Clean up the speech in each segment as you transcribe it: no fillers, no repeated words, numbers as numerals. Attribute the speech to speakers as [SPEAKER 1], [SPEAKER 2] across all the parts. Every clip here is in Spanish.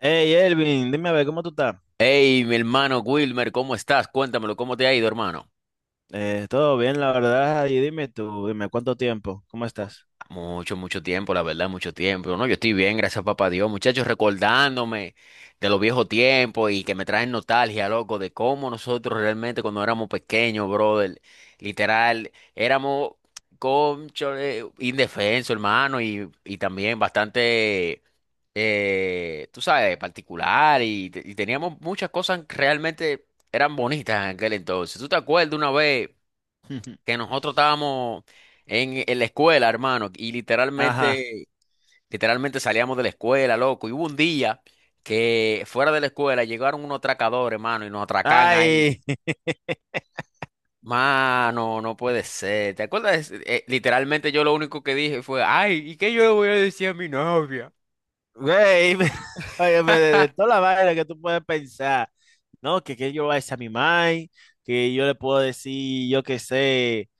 [SPEAKER 1] Hey Elvin, dime a ver, ¿cómo tú estás?
[SPEAKER 2] Hey, mi hermano Wilmer, ¿cómo estás? Cuéntamelo, ¿cómo te ha ido, hermano?
[SPEAKER 1] Todo bien, la verdad. Y dime tú, dime, ¿cuánto tiempo? ¿Cómo estás?
[SPEAKER 2] Mucho, mucho tiempo, la verdad, mucho tiempo. No, yo estoy bien, gracias papá Dios. Muchachos, recordándome de los viejos tiempos y que me traen nostalgia, loco, de cómo nosotros realmente cuando éramos pequeños, brother, literal, éramos cónchale, indefensos, hermano, y también bastante, tú sabes, particular y teníamos muchas cosas que realmente eran bonitas en aquel entonces. ¿Tú te acuerdas una vez que nosotros estábamos en la escuela, hermano, y
[SPEAKER 1] Ajá.
[SPEAKER 2] literalmente salíamos de la escuela, loco, y hubo un día que fuera de la escuela llegaron unos atracadores, hermano, y nos atracan ahí?
[SPEAKER 1] Ay,
[SPEAKER 2] Mano, no puede ser. ¿Te acuerdas? Literalmente yo lo único que dije fue, ay, ¿y qué yo le voy a decir a mi novia?
[SPEAKER 1] güey, óyeme, de, de toda la vaina que tú puedes pensar, ¿no? Que yo voy a decir a mi mai, que yo le puedo decir, yo qué sé,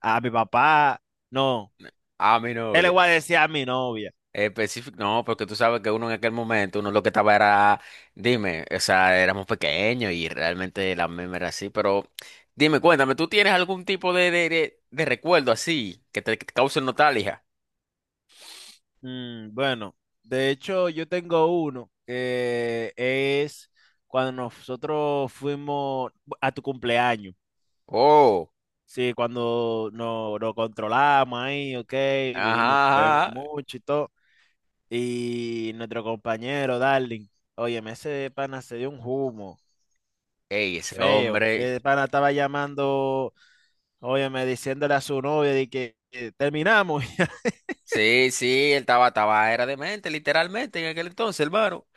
[SPEAKER 1] a mi papá, no,
[SPEAKER 2] A mi
[SPEAKER 1] él le
[SPEAKER 2] novia.
[SPEAKER 1] voy a decir a mi novia.
[SPEAKER 2] Específico, no, porque tú sabes que uno en aquel momento, uno lo que estaba era, dime, o sea, éramos pequeños y realmente la meme era así, pero dime, cuéntame, ¿tú tienes algún tipo de recuerdo así que te cause nostalgia?
[SPEAKER 1] Mm, bueno, de hecho, yo tengo uno que es cuando nosotros fuimos a tu cumpleaños.
[SPEAKER 2] Oh,
[SPEAKER 1] Sí, cuando nos controlamos ahí, ok, vivimos,
[SPEAKER 2] ajá,
[SPEAKER 1] bebemos
[SPEAKER 2] ajá.
[SPEAKER 1] mucho y todo. Y nuestro compañero, Darling, óyeme, ese pana se dio un humo
[SPEAKER 2] Ey, ese
[SPEAKER 1] feo.
[SPEAKER 2] hombre,
[SPEAKER 1] El pana estaba llamando, óyeme, diciéndole a su novia de que terminamos.
[SPEAKER 2] sí, sí, él estaba, era demente, literalmente en aquel entonces, hermano,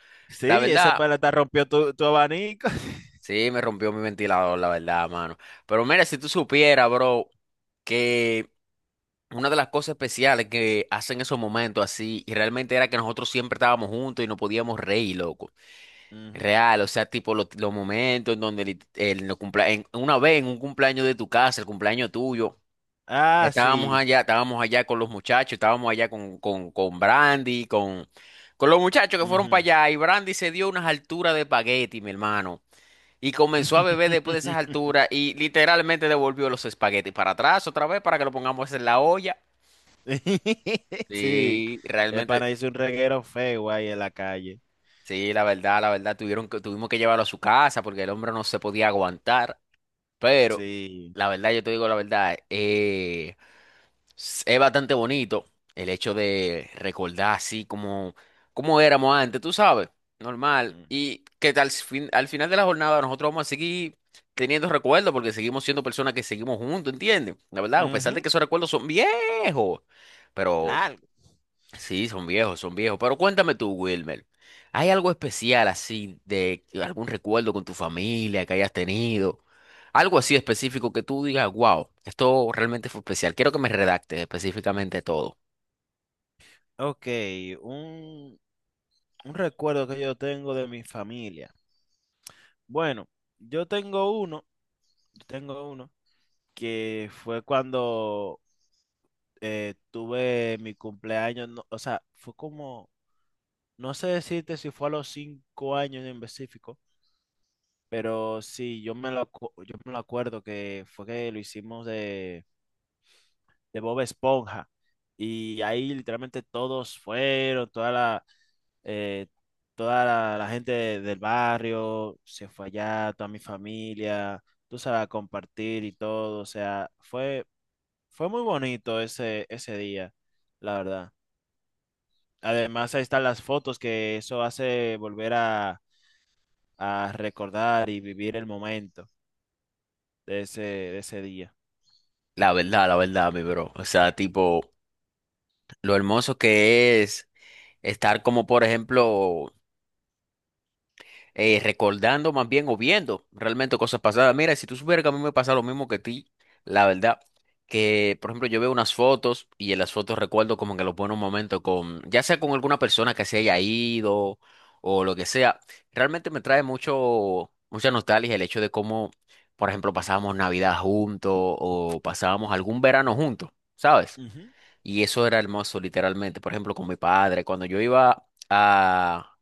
[SPEAKER 2] la
[SPEAKER 1] Sí, ese
[SPEAKER 2] verdad.
[SPEAKER 1] pana te rompió tu abanico.
[SPEAKER 2] Sí, me rompió mi ventilador, la verdad, mano. Pero mira, si tú supieras, bro, que una de las cosas especiales que hacen esos momentos así, y realmente era que nosotros siempre estábamos juntos y no podíamos reír, loco.
[SPEAKER 1] Ujú.
[SPEAKER 2] Real, o sea, tipo los momentos en donde una vez en un cumpleaños de tu casa, el cumpleaños tuyo,
[SPEAKER 1] Ah, sí.
[SPEAKER 2] estábamos allá con los muchachos, estábamos allá con Brandy, con los muchachos que fueron para
[SPEAKER 1] Ujú.
[SPEAKER 2] allá, y Brandy se dio unas alturas de espagueti, mi hermano. Y comenzó a beber después de esas alturas y literalmente devolvió los espaguetis para atrás otra vez para que lo pongamos en la olla.
[SPEAKER 1] Sí,
[SPEAKER 2] Sí,
[SPEAKER 1] el
[SPEAKER 2] realmente,
[SPEAKER 1] pana hizo un reguero feo ahí en la calle.
[SPEAKER 2] sí, la verdad, tuvimos que llevarlo a su casa porque el hombre no se podía aguantar. Pero,
[SPEAKER 1] Sí.
[SPEAKER 2] la verdad, yo te digo la verdad. Es bastante bonito el hecho de recordar así como, como éramos antes, tú sabes, normal. Y que al final de la jornada nosotros vamos a seguir teniendo recuerdos porque seguimos siendo personas que seguimos juntos, ¿entiendes? La verdad, a pesar de
[SPEAKER 1] Ujú.
[SPEAKER 2] que esos recuerdos son viejos, pero
[SPEAKER 1] Largo.
[SPEAKER 2] sí, son viejos, son viejos. Pero cuéntame tú, Wilmer, ¿hay algo especial así de algún recuerdo con tu familia que hayas tenido? Algo así específico que tú digas, wow, esto realmente fue especial. Quiero que me redactes específicamente todo.
[SPEAKER 1] Ok, un, un recuerdo que yo tengo de mi familia. Bueno, yo tengo uno, yo tengo uno que fue cuando tuve mi cumpleaños, o sea, fue como, no sé decirte si fue a los cinco años en específico, pero sí, yo me lo acuerdo que fue que lo hicimos de Bob Esponja. Y ahí literalmente todos fueron, eh, toda la gente del barrio se fue allá, toda mi familia, tú sabes, a compartir y todo. O sea, fue muy bonito ese día, la verdad. Además, ahí están las fotos que eso hace volver a recordar y vivir el momento de de ese día.
[SPEAKER 2] La verdad, mi bro. O sea, tipo, lo hermoso que es estar como, por ejemplo, recordando más bien o viendo realmente cosas pasadas. Mira, si tú supieras que a mí me pasa lo mismo que a ti, la verdad, que por ejemplo yo veo unas fotos y en las fotos recuerdo como que los buenos momentos con, ya sea con alguna persona que se haya ido o lo que sea, realmente me trae mucha nostalgia el hecho de cómo, por ejemplo, pasábamos Navidad juntos o pasábamos algún verano juntos, ¿sabes?
[SPEAKER 1] Ujú.
[SPEAKER 2] Y eso era hermoso, literalmente. Por ejemplo, con mi padre, cuando yo iba a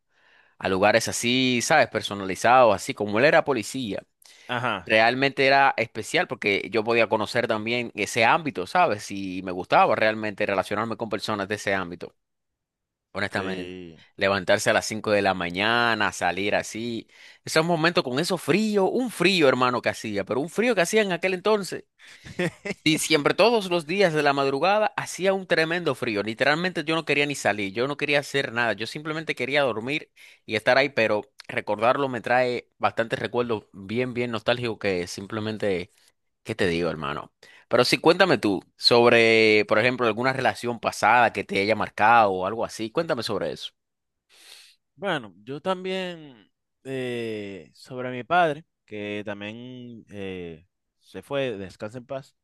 [SPEAKER 2] a lugares así, ¿sabes? Personalizados, así como él era policía.
[SPEAKER 1] Ajá,
[SPEAKER 2] Realmente era especial porque yo podía conocer también ese ámbito, ¿sabes? Y me gustaba realmente relacionarme con personas de ese ámbito, honestamente.
[SPEAKER 1] sí.
[SPEAKER 2] Levantarse a las 5 de la mañana, salir así. Esos momentos con eso frío, un frío, hermano, que hacía, pero un frío que hacía en aquel entonces. Y siempre, todos los días de la madrugada, hacía un tremendo frío. Literalmente yo no quería ni salir, yo no quería hacer nada, yo simplemente quería dormir y estar ahí, pero recordarlo me trae bastantes recuerdos bien, bien nostálgicos que simplemente, ¿qué te digo, hermano? Pero sí, cuéntame tú sobre, por ejemplo, alguna relación pasada que te haya marcado o algo así. Cuéntame sobre eso.
[SPEAKER 1] Bueno, yo también sobre mi padre, que también se fue, descansa en paz.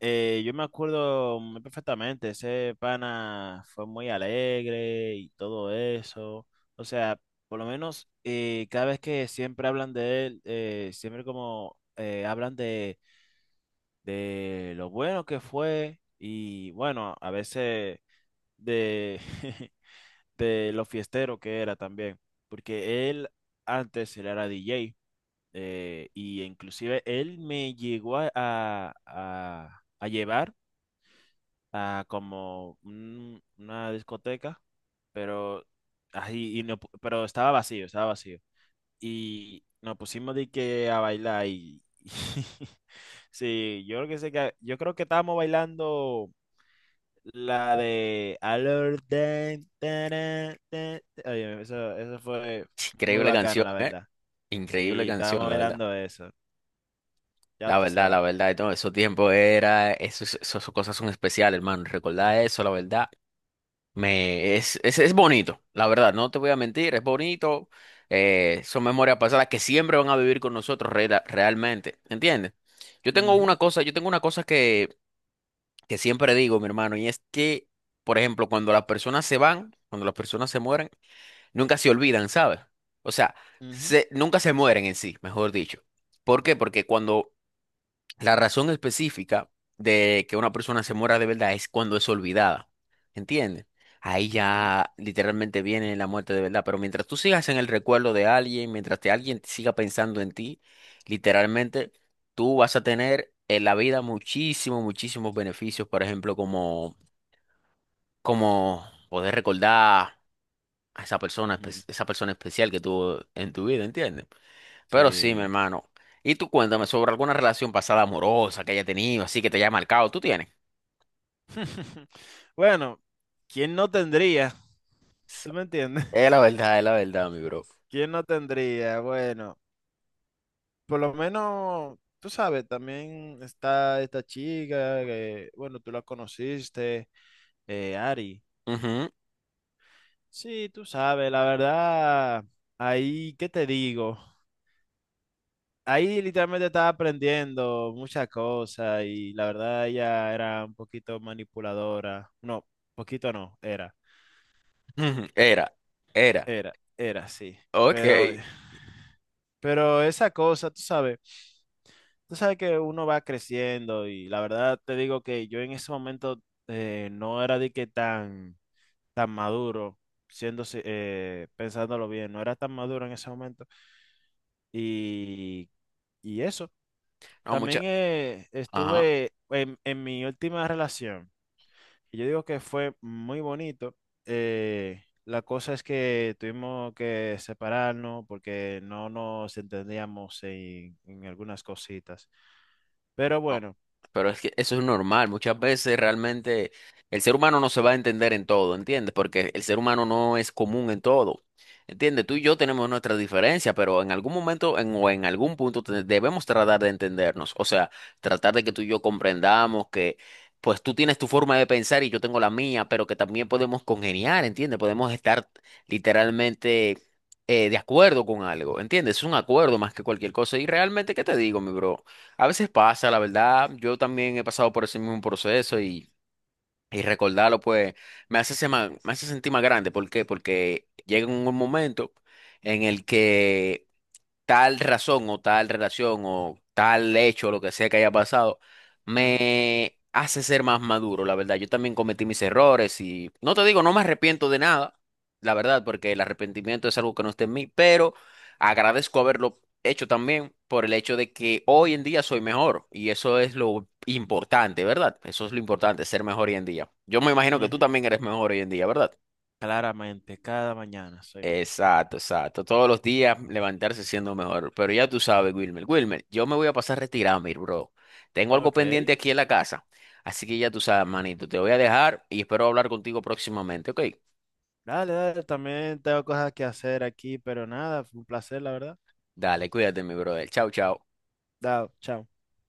[SPEAKER 1] Yo me acuerdo muy perfectamente, ese pana fue muy alegre y todo eso. O sea, por lo menos cada vez que siempre hablan de él, siempre como hablan de lo bueno que fue. Y bueno, a veces de de lo fiestero que era también, porque él antes él era DJ, y inclusive él me llegó a llevar a como una discoteca, pero ahí y no pu- pero estaba vacío y nos pusimos de que a bailar. Y sí, yo creo que estábamos bailando la de Alert. Dan, tarán, tan- Oye, eso fue muy
[SPEAKER 2] Increíble
[SPEAKER 1] bacano,
[SPEAKER 2] canción,
[SPEAKER 1] la
[SPEAKER 2] ¿eh?
[SPEAKER 1] verdad.
[SPEAKER 2] Increíble
[SPEAKER 1] Sí,
[SPEAKER 2] canción,
[SPEAKER 1] estábamos
[SPEAKER 2] la verdad.
[SPEAKER 1] velando eso. Ya
[SPEAKER 2] La
[SPEAKER 1] tú
[SPEAKER 2] verdad, la
[SPEAKER 1] sabes.
[SPEAKER 2] verdad, y todo esos tiempos era, esos- esas cosas son especiales, hermano. Recordar eso, la verdad. Me, es bonito, la verdad, no te voy a mentir, es bonito. Son memorias pasadas que siempre van a vivir con nosotros realmente, ¿entiendes? Yo tengo
[SPEAKER 1] Ujú,
[SPEAKER 2] una cosa, que siempre digo, mi hermano, y es que, por ejemplo, cuando las personas se van, cuando las personas se mueren, nunca se olvidan, ¿sabes? O sea,
[SPEAKER 1] ujú,
[SPEAKER 2] nunca se mueren en sí, mejor dicho. ¿Por qué? Porque cuando la razón específica de que una persona se muera de verdad es cuando es olvidada. ¿Entiendes? Ahí
[SPEAKER 1] ujú,
[SPEAKER 2] ya literalmente viene la muerte de verdad. Pero mientras tú sigas en el recuerdo de alguien, mientras alguien siga pensando en ti, literalmente tú vas a tener en la vida muchísimos, muchísimos beneficios. Por ejemplo, como, como poder recordar a esa persona,
[SPEAKER 1] ujú.
[SPEAKER 2] esa persona especial que tuvo en tu vida, ¿entiendes? Pero sí, mi
[SPEAKER 1] Sí.
[SPEAKER 2] hermano. Y tú cuéntame sobre alguna relación pasada amorosa que haya tenido, así que te haya marcado. ¿Tú tienes?
[SPEAKER 1] Bueno, ¿quién no tendría?
[SPEAKER 2] So-
[SPEAKER 1] ¿Tú me entiendes?
[SPEAKER 2] Es la verdad, mi bro.
[SPEAKER 1] ¿Quién no tendría? Bueno, por lo menos, tú sabes, también está esta chica que, bueno, tú la conociste, Ari.
[SPEAKER 2] Ujú,
[SPEAKER 1] Sí, tú sabes, la verdad, ahí, ¿qué te digo? Ahí literalmente estaba aprendiendo muchas cosas y la verdad ella era un poquito manipuladora. No, poquito no,
[SPEAKER 2] ujú. Era, era.
[SPEAKER 1] era, sí.
[SPEAKER 2] Ok.
[SPEAKER 1] Pero, pero esa cosa, tú sabes que uno va creciendo y la verdad te digo que yo en ese momento no era de que tan, tan maduro, siendo, si- pensándolo bien, no era tan maduro en ese momento. Y, y eso.
[SPEAKER 2] No,
[SPEAKER 1] También
[SPEAKER 2] mucha. Ajá.
[SPEAKER 1] estuve en mi última relación. Y yo digo que fue muy bonito. La cosa es que tuvimos que separarnos porque no nos entendíamos en algunas cositas. Pero
[SPEAKER 2] No,
[SPEAKER 1] bueno,
[SPEAKER 2] pero es que eso es normal. Muchas veces realmente el ser humano no se va a entender en todo, ¿entiendes? Porque el ser humano no es común en todo. ¿Entiendes? Tú y yo tenemos nuestras diferencias, pero en algún momento o en algún punto debemos tratar de entendernos. O sea, tratar de que tú y yo comprendamos que pues tú tienes tu forma de pensar y yo tengo la mía, pero que también podemos congeniar, ¿entiendes? Podemos estar literalmente de acuerdo con algo, ¿entiendes? Es un acuerdo más que cualquier cosa. Y realmente, ¿qué te digo, mi bro? A veces pasa, la verdad. Yo también he pasado por ese mismo proceso y recordarlo, pues, me hace, me hace sentir más grande. ¿Por qué? Porque llega un momento en el que tal razón o tal relación o tal hecho, lo que sea que haya pasado,
[SPEAKER 1] ujú,
[SPEAKER 2] me hace ser más maduro, la verdad. Yo también cometí mis errores y no te digo, no me arrepiento de nada, la verdad, porque el arrepentimiento es algo que no está en mí, pero agradezco haberlo hecho también por el hecho de que hoy en día soy mejor y eso es lo importante, ¿verdad? Eso es lo importante, ser mejor hoy en día. Yo me imagino que tú
[SPEAKER 1] ujú,
[SPEAKER 2] también eres mejor hoy en día, ¿verdad?
[SPEAKER 1] claramente, cada mañana soy mejor.
[SPEAKER 2] Exacto, exacto. Todos los días levantarse siendo mejor. Pero ya tú sabes, Wilmer. Wilmer, yo me voy a pasar retirado, mi bro. Tengo algo
[SPEAKER 1] Ok.
[SPEAKER 2] pendiente aquí en la casa. Así que ya tú sabes, manito. Te voy a dejar y espero hablar contigo próximamente, ¿ok?
[SPEAKER 1] Dale, dale, también tengo cosas que hacer aquí, pero nada, fue un placer, la verdad.
[SPEAKER 2] Dale, cuídate, mi brother. Chao, chao.
[SPEAKER 1] Dao, chao.